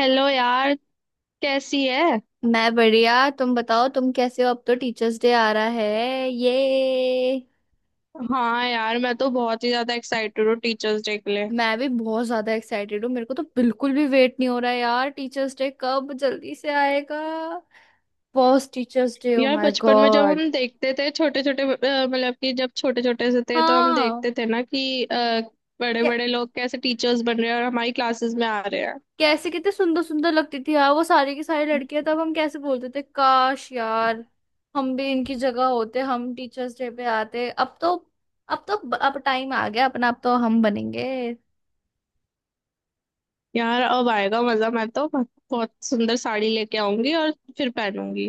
Hello यार। कैसी है? मैं बढ़िया। तुम बताओ, तुम कैसे हो? अब तो टीचर्स डे आ रहा है ये। हाँ यार, मैं तो बहुत ही ज्यादा एक्साइटेड हूँ टीचर्स डे के लिए। मैं भी बहुत ज्यादा एक्साइटेड हूँ। मेरे को तो बिल्कुल भी वेट नहीं हो रहा है यार, टीचर्स डे कब जल्दी से आएगा। फर्स्ट टीचर्स डे, ओ यार माय बचपन में जब गॉड। हम देखते थे छोटे छोटे, मतलब कि जब छोटे छोटे से थे तो हम हाँ। देखते थे ना कि बड़े कै- बड़े लोग कैसे टीचर्स बन रहे हैं और हमारी क्लासेस में आ रहे हैं। कैसे कितने सुंदर सुंदर लगती थी यार वो सारी की सारी लड़कियां। तब हम कैसे बोलते थे, काश यार हम भी इनकी जगह होते, हम टीचर्स डे पे आते। अब तो अब टाइम आ गया अपना, अब तो हम बनेंगे। यार अब आएगा मजा। मैं तो बहुत सुंदर साड़ी लेके आऊंगी और फिर पहनूंगी।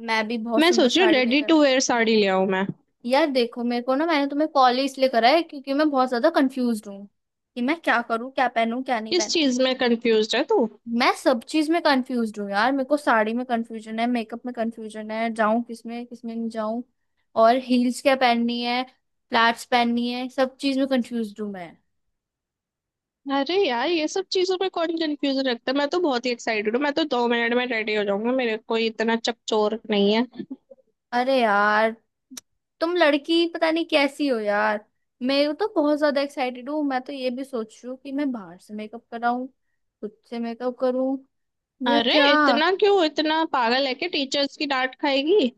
मैं भी बहुत मैं सुंदर सोच रही हूँ साड़ी रेडी लेकर। टू वेयर साड़ी ले आऊं मैं। यार देखो, मेरे को ना, मैंने तुम्हें कॉल ही इसलिए करा है क्योंकि मैं बहुत ज्यादा कंफ्यूज हूँ कि मैं क्या करूँ, क्या पहनूं, क्या नहीं किस पहनूं। चीज में कंफ्यूज है तू? मैं सब चीज में कंफ्यूज हूँ यार। मेरे को साड़ी में कंफ्यूजन है, मेकअप में कंफ्यूजन है, जाऊं किसमें किसमें नहीं जाऊं, और हील्स क्या पहननी है फ्लैट्स पहननी है, सब चीज में कंफ्यूज हूँ मैं। अरे यार, ये सब चीजों पे कौन कंफ्यूजन रखता है? मैं तो बहुत ही एक्साइटेड हूँ, मैं तो 2 मिनट में रेडी हो जाऊंगा। मेरे कोई इतना चकचोर नहीं है। अरे यार, तुम लड़की पता नहीं कैसी हो यार। मैं तो बहुत ज्यादा एक्साइटेड हूँ। मैं तो ये भी सोच रही हूँ कि मैं बाहर से मेकअप कराऊं, खुद से मेकअप करूं, या अरे क्या। इतना क्यों, इतना पागल है कि टीचर्स की डांट खाएगी?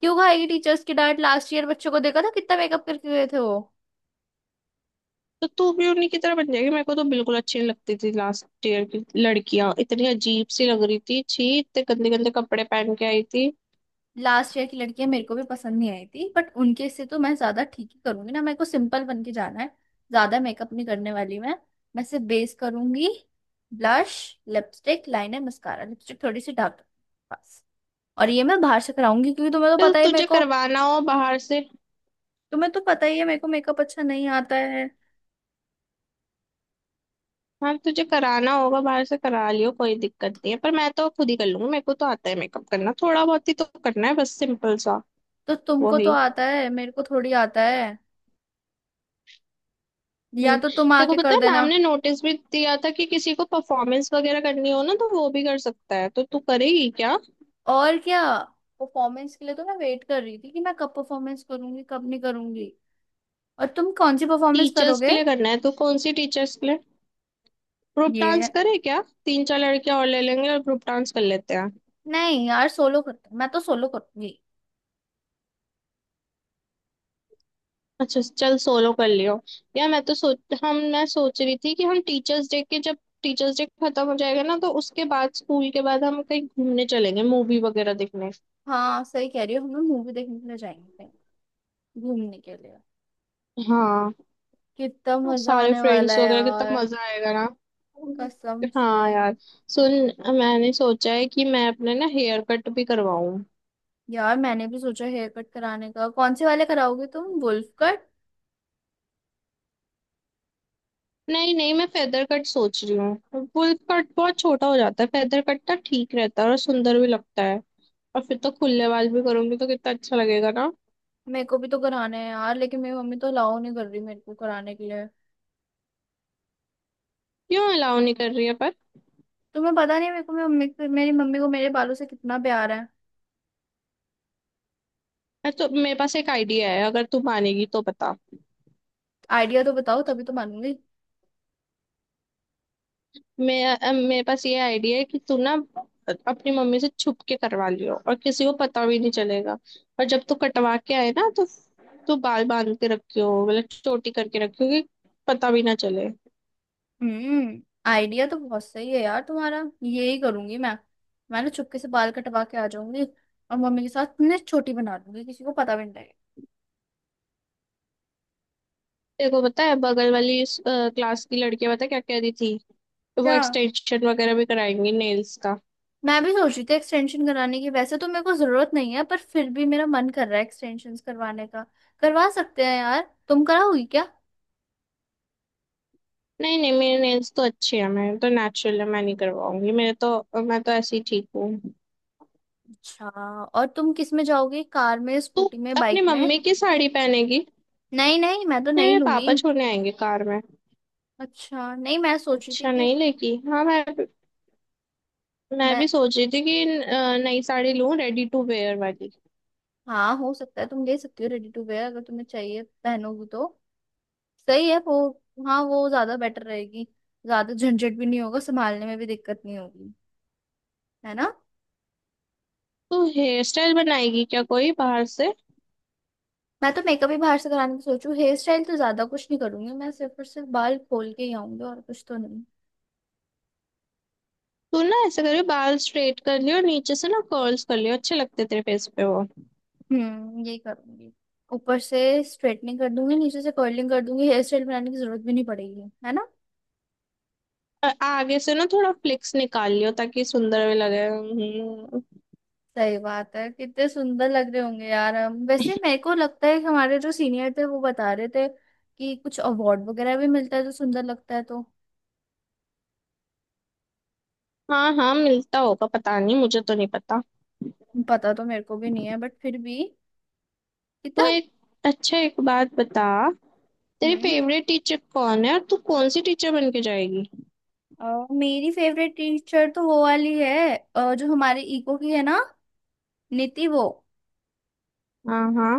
क्यों खाएगी टीचर्स की डांट? लास्ट ईयर बच्चों को देखा था कितना मेकअप करके गए थे वो। तो तू भी उन्हीं की तरह बन जाएगी। मेरे को तो बिल्कुल अच्छी नहीं लगती थी लास्ट ईयर की लड़कियां, इतनी अजीब सी लग रही थी, छी, इतने गंदे गंदे कपड़े पहन के आई थी। लास्ट ईयर की लड़कियां मेरे को भी पसंद नहीं आई थी बट उनके से तो मैं ज्यादा ठीक ही करूंगी ना। मेरे को सिंपल बन के जाना है, ज्यादा मेकअप नहीं करने वाली मैं। मैं सिर्फ बेस करूंगी, blush, lipstick, liner, mascara, lipstick थोड़ी सी डार्क, बस। और ये मैं बाहर से कराऊंगी क्योंकि तुम्हें तो तो पता ही है मेरे तुझे को। करवाना हो बाहर से। तुम्हें तो पता ही है मेरे को मेकअप अच्छा नहीं आता है। हाँ, तुझे कराना होगा बाहर से, करा लियो, कोई दिक्कत नहीं है, पर मैं तो खुद ही कर लूंगी, मेरे को तो आता है मेकअप करना, थोड़ा बहुत ही तो करना है बस सिंपल सा। तो तुमको तो वही। आता है, मेरे को थोड़ी आता है। या हम्म, तो तुम देखो, आके पता कर है देना। मैम ने नोटिस भी दिया था कि किसी को परफॉर्मेंस वगैरह करनी हो ना तो वो भी कर सकता है, तो तू करेगी क्या? और क्या। परफॉर्मेंस के लिए तो मैं वेट कर रही थी कि मैं कब परफॉर्मेंस करूंगी कब नहीं करूंगी। और तुम कौन सी परफॉर्मेंस टीचर्स के करोगे? लिए करना है तो कौन सी टीचर्स के लिए? ग्रुप डांस ये, करे क्या? तीन चार लड़कियां और ले लेंगे और ग्रुप डांस कर लेते हैं। नहीं यार, सोलो करते, मैं तो सोलो करूंगी। अच्छा चल, सोलो कर लियो। यार मैं सोच रही थी कि हम टीचर्स डे के जब टीचर्स डे खत्म हो जाएगा ना तो उसके बाद, स्कूल के बाद हम कहीं घूमने चलेंगे, मूवी वगैरह देखने। हाँ सही कह रही हो, हम लोग मूवी देखने के लिए जाएंगे कहीं, घूमने के लिए। हाँ। कितना अब मजा सारे आने वाला फ्रेंड्स है वगैरह, कितना यार। मजा आएगा ना। कसम से। हाँ यार। सुन, मैंने सोचा है कि मैं अपने ना हेयर कट भी करवाऊं। यार मैंने भी सोचा हेयर कट कराने का। कौन से वाले कराओगे तुम, वुल्फ कट? नहीं नहीं, मैं फेदर कट सोच रही हूँ। फुल कट बहुत छोटा हो जाता है, फेदर कट ना ठीक रहता है और सुंदर भी लगता है। और फिर तो खुले बाल भी करूंगी तो कितना अच्छा लगेगा ना। मेरे को भी तो कराना है यार, लेकिन मेरी मम्मी तो अलाउ नहीं कर रही मेरे को कराने के लिए। क्यों अलाउ नहीं कर रही है पर? तुम्हें पता नहीं है मेरे को, मेरी मम्मी को मेरे बालों से कितना प्यार है। मैं तो मेरे पास एक आइडिया है, अगर तू मानेगी तो बता। आइडिया तो बताओ तभी तो मानूंगी। मेरे पास ये आइडिया है कि तू ना अपनी मम्मी से छुप के करवा लियो, और किसी को पता भी नहीं चलेगा। और जब तू कटवा के आए ना तो तू बाल बांध के रखियो, मतलब चोटी करके रखियो कि पता भी ना चले। हम्म। आइडिया तो बहुत सही है यार तुम्हारा। यही करूंगी मैं। मैं ना चुपके से बाल कटवा के आ जाऊंगी और मम्मी के साथ ना छोटी बना दूंगी, किसी को पता भी नहीं लगेगा। देखो पता है, बगल वाली क्लास की लड़कियां पता है क्या कह रही थी? वो क्या? एक्सटेंशन वगैरह भी कराएंगी नेल्स का। मैं भी सोच रही थी एक्सटेंशन कराने की। वैसे तो मेरे को जरूरत नहीं है पर फिर भी मेरा मन कर रहा है एक्सटेंशन करवाने का। करवा सकते हैं यार, तुम कराओगी क्या? नहीं नहीं, मेरे नेल्स तो अच्छे हैं, मेरे तो नेचुरल है, मैं नहीं करवाऊंगी, मेरे तो मैं तो ऐसे ही ठीक हूँ। अच्छा। और तुम किस में जाओगे, कार में, तू स्कूटी में, अपनी बाइक में? मम्मी की साड़ी पहनेगी? नहीं नहीं, मैं तो नहीं, नहीं मेरे लूंगी। पापा छोड़ने आएंगे कार में। अच्छा, नहीं मैं सोच रही थी अच्छा कि नहीं, लेकी हाँ, मैं मैं। भी सोच रही थी कि नई साड़ी लूं रेडी टू वेयर वाली। हाँ हो सकता है, तुम ले सकती हो रेडी टू वेयर अगर तुम्हें चाहिए पहनोगी तो। सही है वो। हाँ वो ज्यादा बेटर रहेगी, ज्यादा झंझट भी नहीं होगा, संभालने में भी दिक्कत नहीं होगी, है ना। तो हेयर स्टाइल बनाएगी क्या कोई बाहर से? मैं तो मेकअप ही बाहर से कराने की सोचू, हेयर स्टाइल तो ज्यादा कुछ नहीं करूंगी, मैं सिर्फ और सिर्फ बाल खोल के ही आऊंगी और कुछ तो नहीं। तू ना ऐसे करियो, बाल स्ट्रेट कर लियो, नीचे से ना कर्ल्स कर लियो, अच्छे लगते तेरे फेस पे वो। यही करूंगी। ऊपर से स्ट्रेटनिंग कर दूंगी, नीचे से कर्लिंग कर दूंगी, हेयर स्टाइल बनाने की जरूरत भी नहीं पड़ेगी, है ना। आगे से ना थोड़ा फ्लिक्स निकाल लियो ताकि सुंदर भी लगे। सही बात है, कितने सुंदर लग रहे होंगे यार हम। वैसे मेरे को लगता है कि हमारे जो सीनियर थे वो बता रहे थे कि कुछ अवार्ड वगैरह भी मिलता है तो सुंदर लगता है तो। हाँ हाँ, मिलता होगा पता नहीं, मुझे तो नहीं पता। पता तो मेरे को भी नहीं है बट फिर भी। तो कितना। एक अच्छा, एक बात बता, तेरी हम्म। फेवरेट टीचर कौन है और तू कौन सी टीचर बन के जाएगी? मेरी फेवरेट टीचर तो वो वाली है, जो हमारे इको की है ना, नीति वो। हाँ हाँ।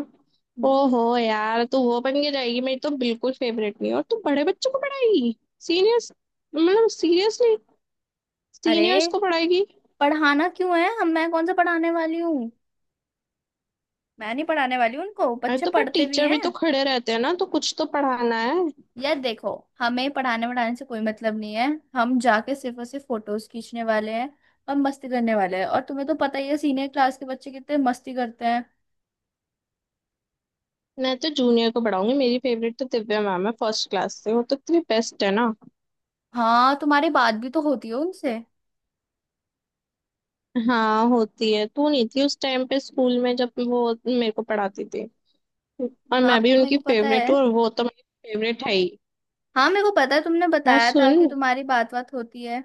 ओहो यार, तू वो बन के जाएगी? मेरी तो बिल्कुल फेवरेट नहीं है। और तू बड़े बच्चों को पढ़ाएगी? सीनियर्स? मतलब सीरियसली? अरे, सीनियर्स को पढ़ाएगी? पढ़ाना क्यों है हम? मैं कौन सा पढ़ाने वाली हूँ? मैं नहीं पढ़ाने वाली हूँ, उनको अरे बच्चे तो पर पढ़ते भी टीचर भी तो हैं। खड़े रहते हैं ना, तो कुछ तो पढ़ाना है। यार देखो, हमें पढ़ाने वढ़ाने से कोई मतलब नहीं है। हम जाके सिर्फ और सिर्फ फोटोज खींचने वाले हैं, और मस्ती करने वाले हैं, और तुम्हें तो पता ही है सीनियर क्लास के बच्चे कितने मस्ती करते हैं। मैं तो जूनियर को पढ़ाऊंगी, मेरी फेवरेट तो दिव्या मैम है, फर्स्ट क्लास से वो तो इतनी बेस्ट है ना। हाँ, तुम्हारी बात भी तो होती है उनसे। हाँ होती है, तू नहीं थी उस टाइम पे स्कूल में जब वो मेरे को पढ़ाती थी। और हाँ मैं भी मेरे उनकी को पता फेवरेट है। हूँ और वो तो मेरी फेवरेट है ही। हाँ मेरे को पता है, तुमने हाँ बताया था कि सुन, तुम्हारी बात बात होती है।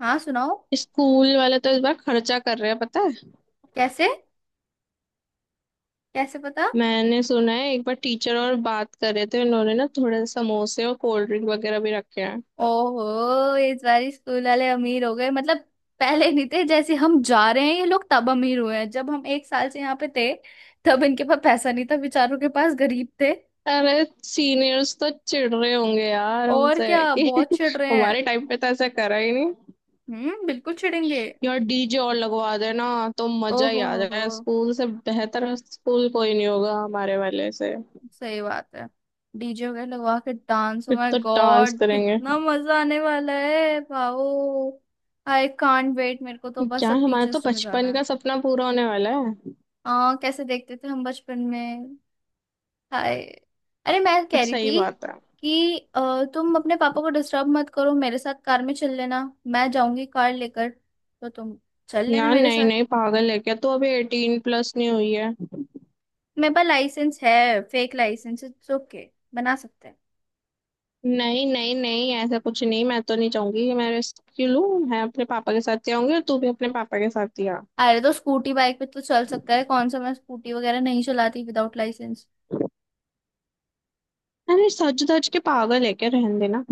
हाँ सुनाओ। स्कूल वाले तो इस बार खर्चा कर रहे हैं पता है? कैसे? कैसे पता? मैंने सुना है एक बार टीचर और बात कर रहे थे, उन्होंने ना थोड़े समोसे और कोल्ड ड्रिंक वगैरह भी रखे हैं। ओहो, इस बार स्कूल वाले अमीर हो गए मतलब। पहले नहीं थे, जैसे हम जा रहे हैं ये लोग तब अमीर हुए हैं, जब हम एक साल से यहाँ पे थे तब इनके पास पैसा नहीं था बेचारों के पास, गरीब थे। अरे, सीनियर्स तो चिढ़ रहे होंगे यार और हमसे क्या, कि बहुत चिढ़ रहे हैं। हमारे टाइम पे तो ऐसा करा ही नहीं। हम्म, बिल्कुल चिढ़ेंगे। यार डीजे और लगवा देना तो मजा ही ओहो आ हो, जाएगा, स्कूल से बेहतर स्कूल कोई नहीं होगा हमारे वाले से। सही बात है। डीजे वगैरह लगवा के डांस, ओ फिर माय तो डांस गॉड करेंगे। कितना मजा आने वाला है, वाओ। आई कांट वेट, मेरे को तो बस यार अब हमारा तो टीचर्स डे में जाना बचपन है। का सपना पूरा होने वाला है। कैसे देखते थे हम बचपन में। हाय। अरे मैं कह रही सही थी बात है। कि तुम अपने पापा को डिस्टर्ब मत करो, मेरे साथ कार में चल लेना। मैं जाऊंगी कार लेकर, तो तुम चल लेना यार मेरे नहीं साथ। नहीं, पागल है क्या तू? अभी 18+ नहीं हुई है। मेरे पास लाइसेंस है, फेक लाइसेंस, इट्स ओके, बना सकते हैं। नहीं नहीं नहीं, ऐसा कुछ नहीं। मैं तो नहीं चाहूंगी कि मैं रेस्क्यू लूं। मैं अपने पापा के साथ ही आऊंगी और तू भी अपने पापा के साथ ही आ। अरे तो स्कूटी बाइक पे तो चल सकता है, कौन सा मैं स्कूटी वगैरह नहीं चलाती विदाउट लाइसेंस। अरे सज धज के, पागल है क्या? रहने देना।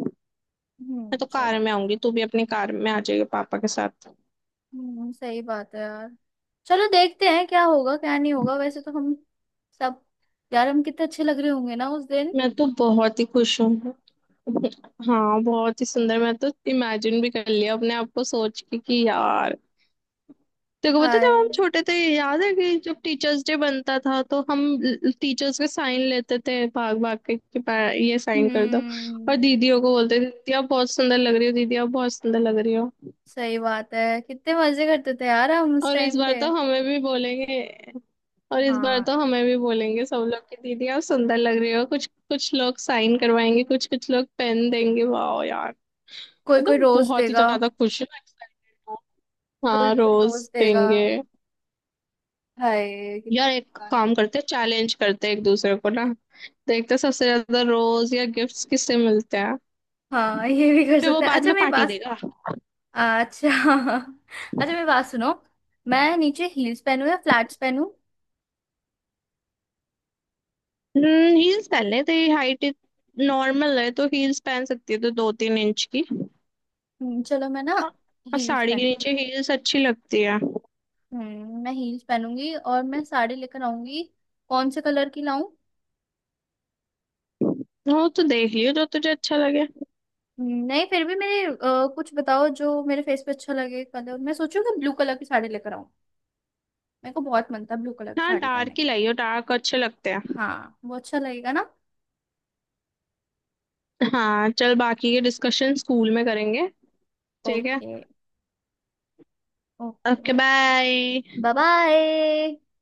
मैं तो कार चलो। में आऊंगी, तू भी अपनी कार में आ जाएगी पापा के साथ। सही बात है यार। चलो देखते हैं क्या होगा क्या नहीं होगा, वैसे तो हम सब। यार हम कितने अच्छे लग रहे होंगे ना उस दिन। मैं तो बहुत ही खुश हूँ। हाँ बहुत ही सुंदर। मैं तो इमेजिन भी कर लिया अपने आप को सोच के कि यार, देखो पता है, जब हम हाय। छोटे थे याद है कि जब टीचर्स डे बनता था तो हम टीचर्स के साइन लेते थे भाग भाग के कि ये साइन कर दो। हम्म, और दीदियों को बोलते थे, दीदी आप बहुत सुंदर लग रही हो, दीदी आप बहुत सुंदर लग रही हो। सही बात है कितने मजे करते थे यार हम उस और इस टाइम बार पे। तो हमें भी बोलेंगे। और इस बार हाँ। तो हमें भी बोलेंगे सब लोग कि दीदी आप सुंदर लग रही हो, कुछ कुछ लोग साइन करवाएंगे, कुछ कुछ लोग पेन देंगे, वाह यार। कोई कोई मतलब रोज बहुत ही देगा। ज्यादा खुश हूँ, excited हूँ। कोई हाँ कोई रोज रोज देगा। देंगे। हाय कितना। यार एक गाने। काम करते हैं, चैलेंज करते हैं एक दूसरे को ना, देखते हैं सबसे ज्यादा रोज या गिफ्ट्स किससे मिलते हैं, हाँ ये भी कर फिर वो सकते हैं। बाद अच्छा में मेरी पार्टी बात। देगा। अच्छा अच्छा मेरी बात सुनो, मैं नीचे हील्स पहनूं या फ्लैट्स पहनूं? हील्स पहन ले, तेरी हाइट नॉर्मल है तो हील्स पहन सकती है, तो 2-3 इंच की। चलो मैं ना, और हील्स साड़ी के पहनूं। नीचे हील्स अच्छी लगती है। हम्म, मैं हील्स पहनूंगी और मैं साड़ी लेकर आऊंगी। कौन से कलर की लाऊं? वो तो देख लियो जो तुझे अच्छा लगे। नहीं फिर भी मेरे, कुछ बताओ जो मेरे फेस पे अच्छा लगे कलर। मैं सोचूं कि ब्लू कलर की साड़ी लेकर आऊं, मेरे को बहुत मन था ब्लू कलर की हाँ साड़ी डार्क पहनने ही का। लाइयो, डार्क अच्छे लगते हैं। हाँ वो अच्छा लगेगा ना। हाँ चल, बाकी के डिस्कशन स्कूल में करेंगे। ठीक है, okay. Okay okay bye. Bye. Bye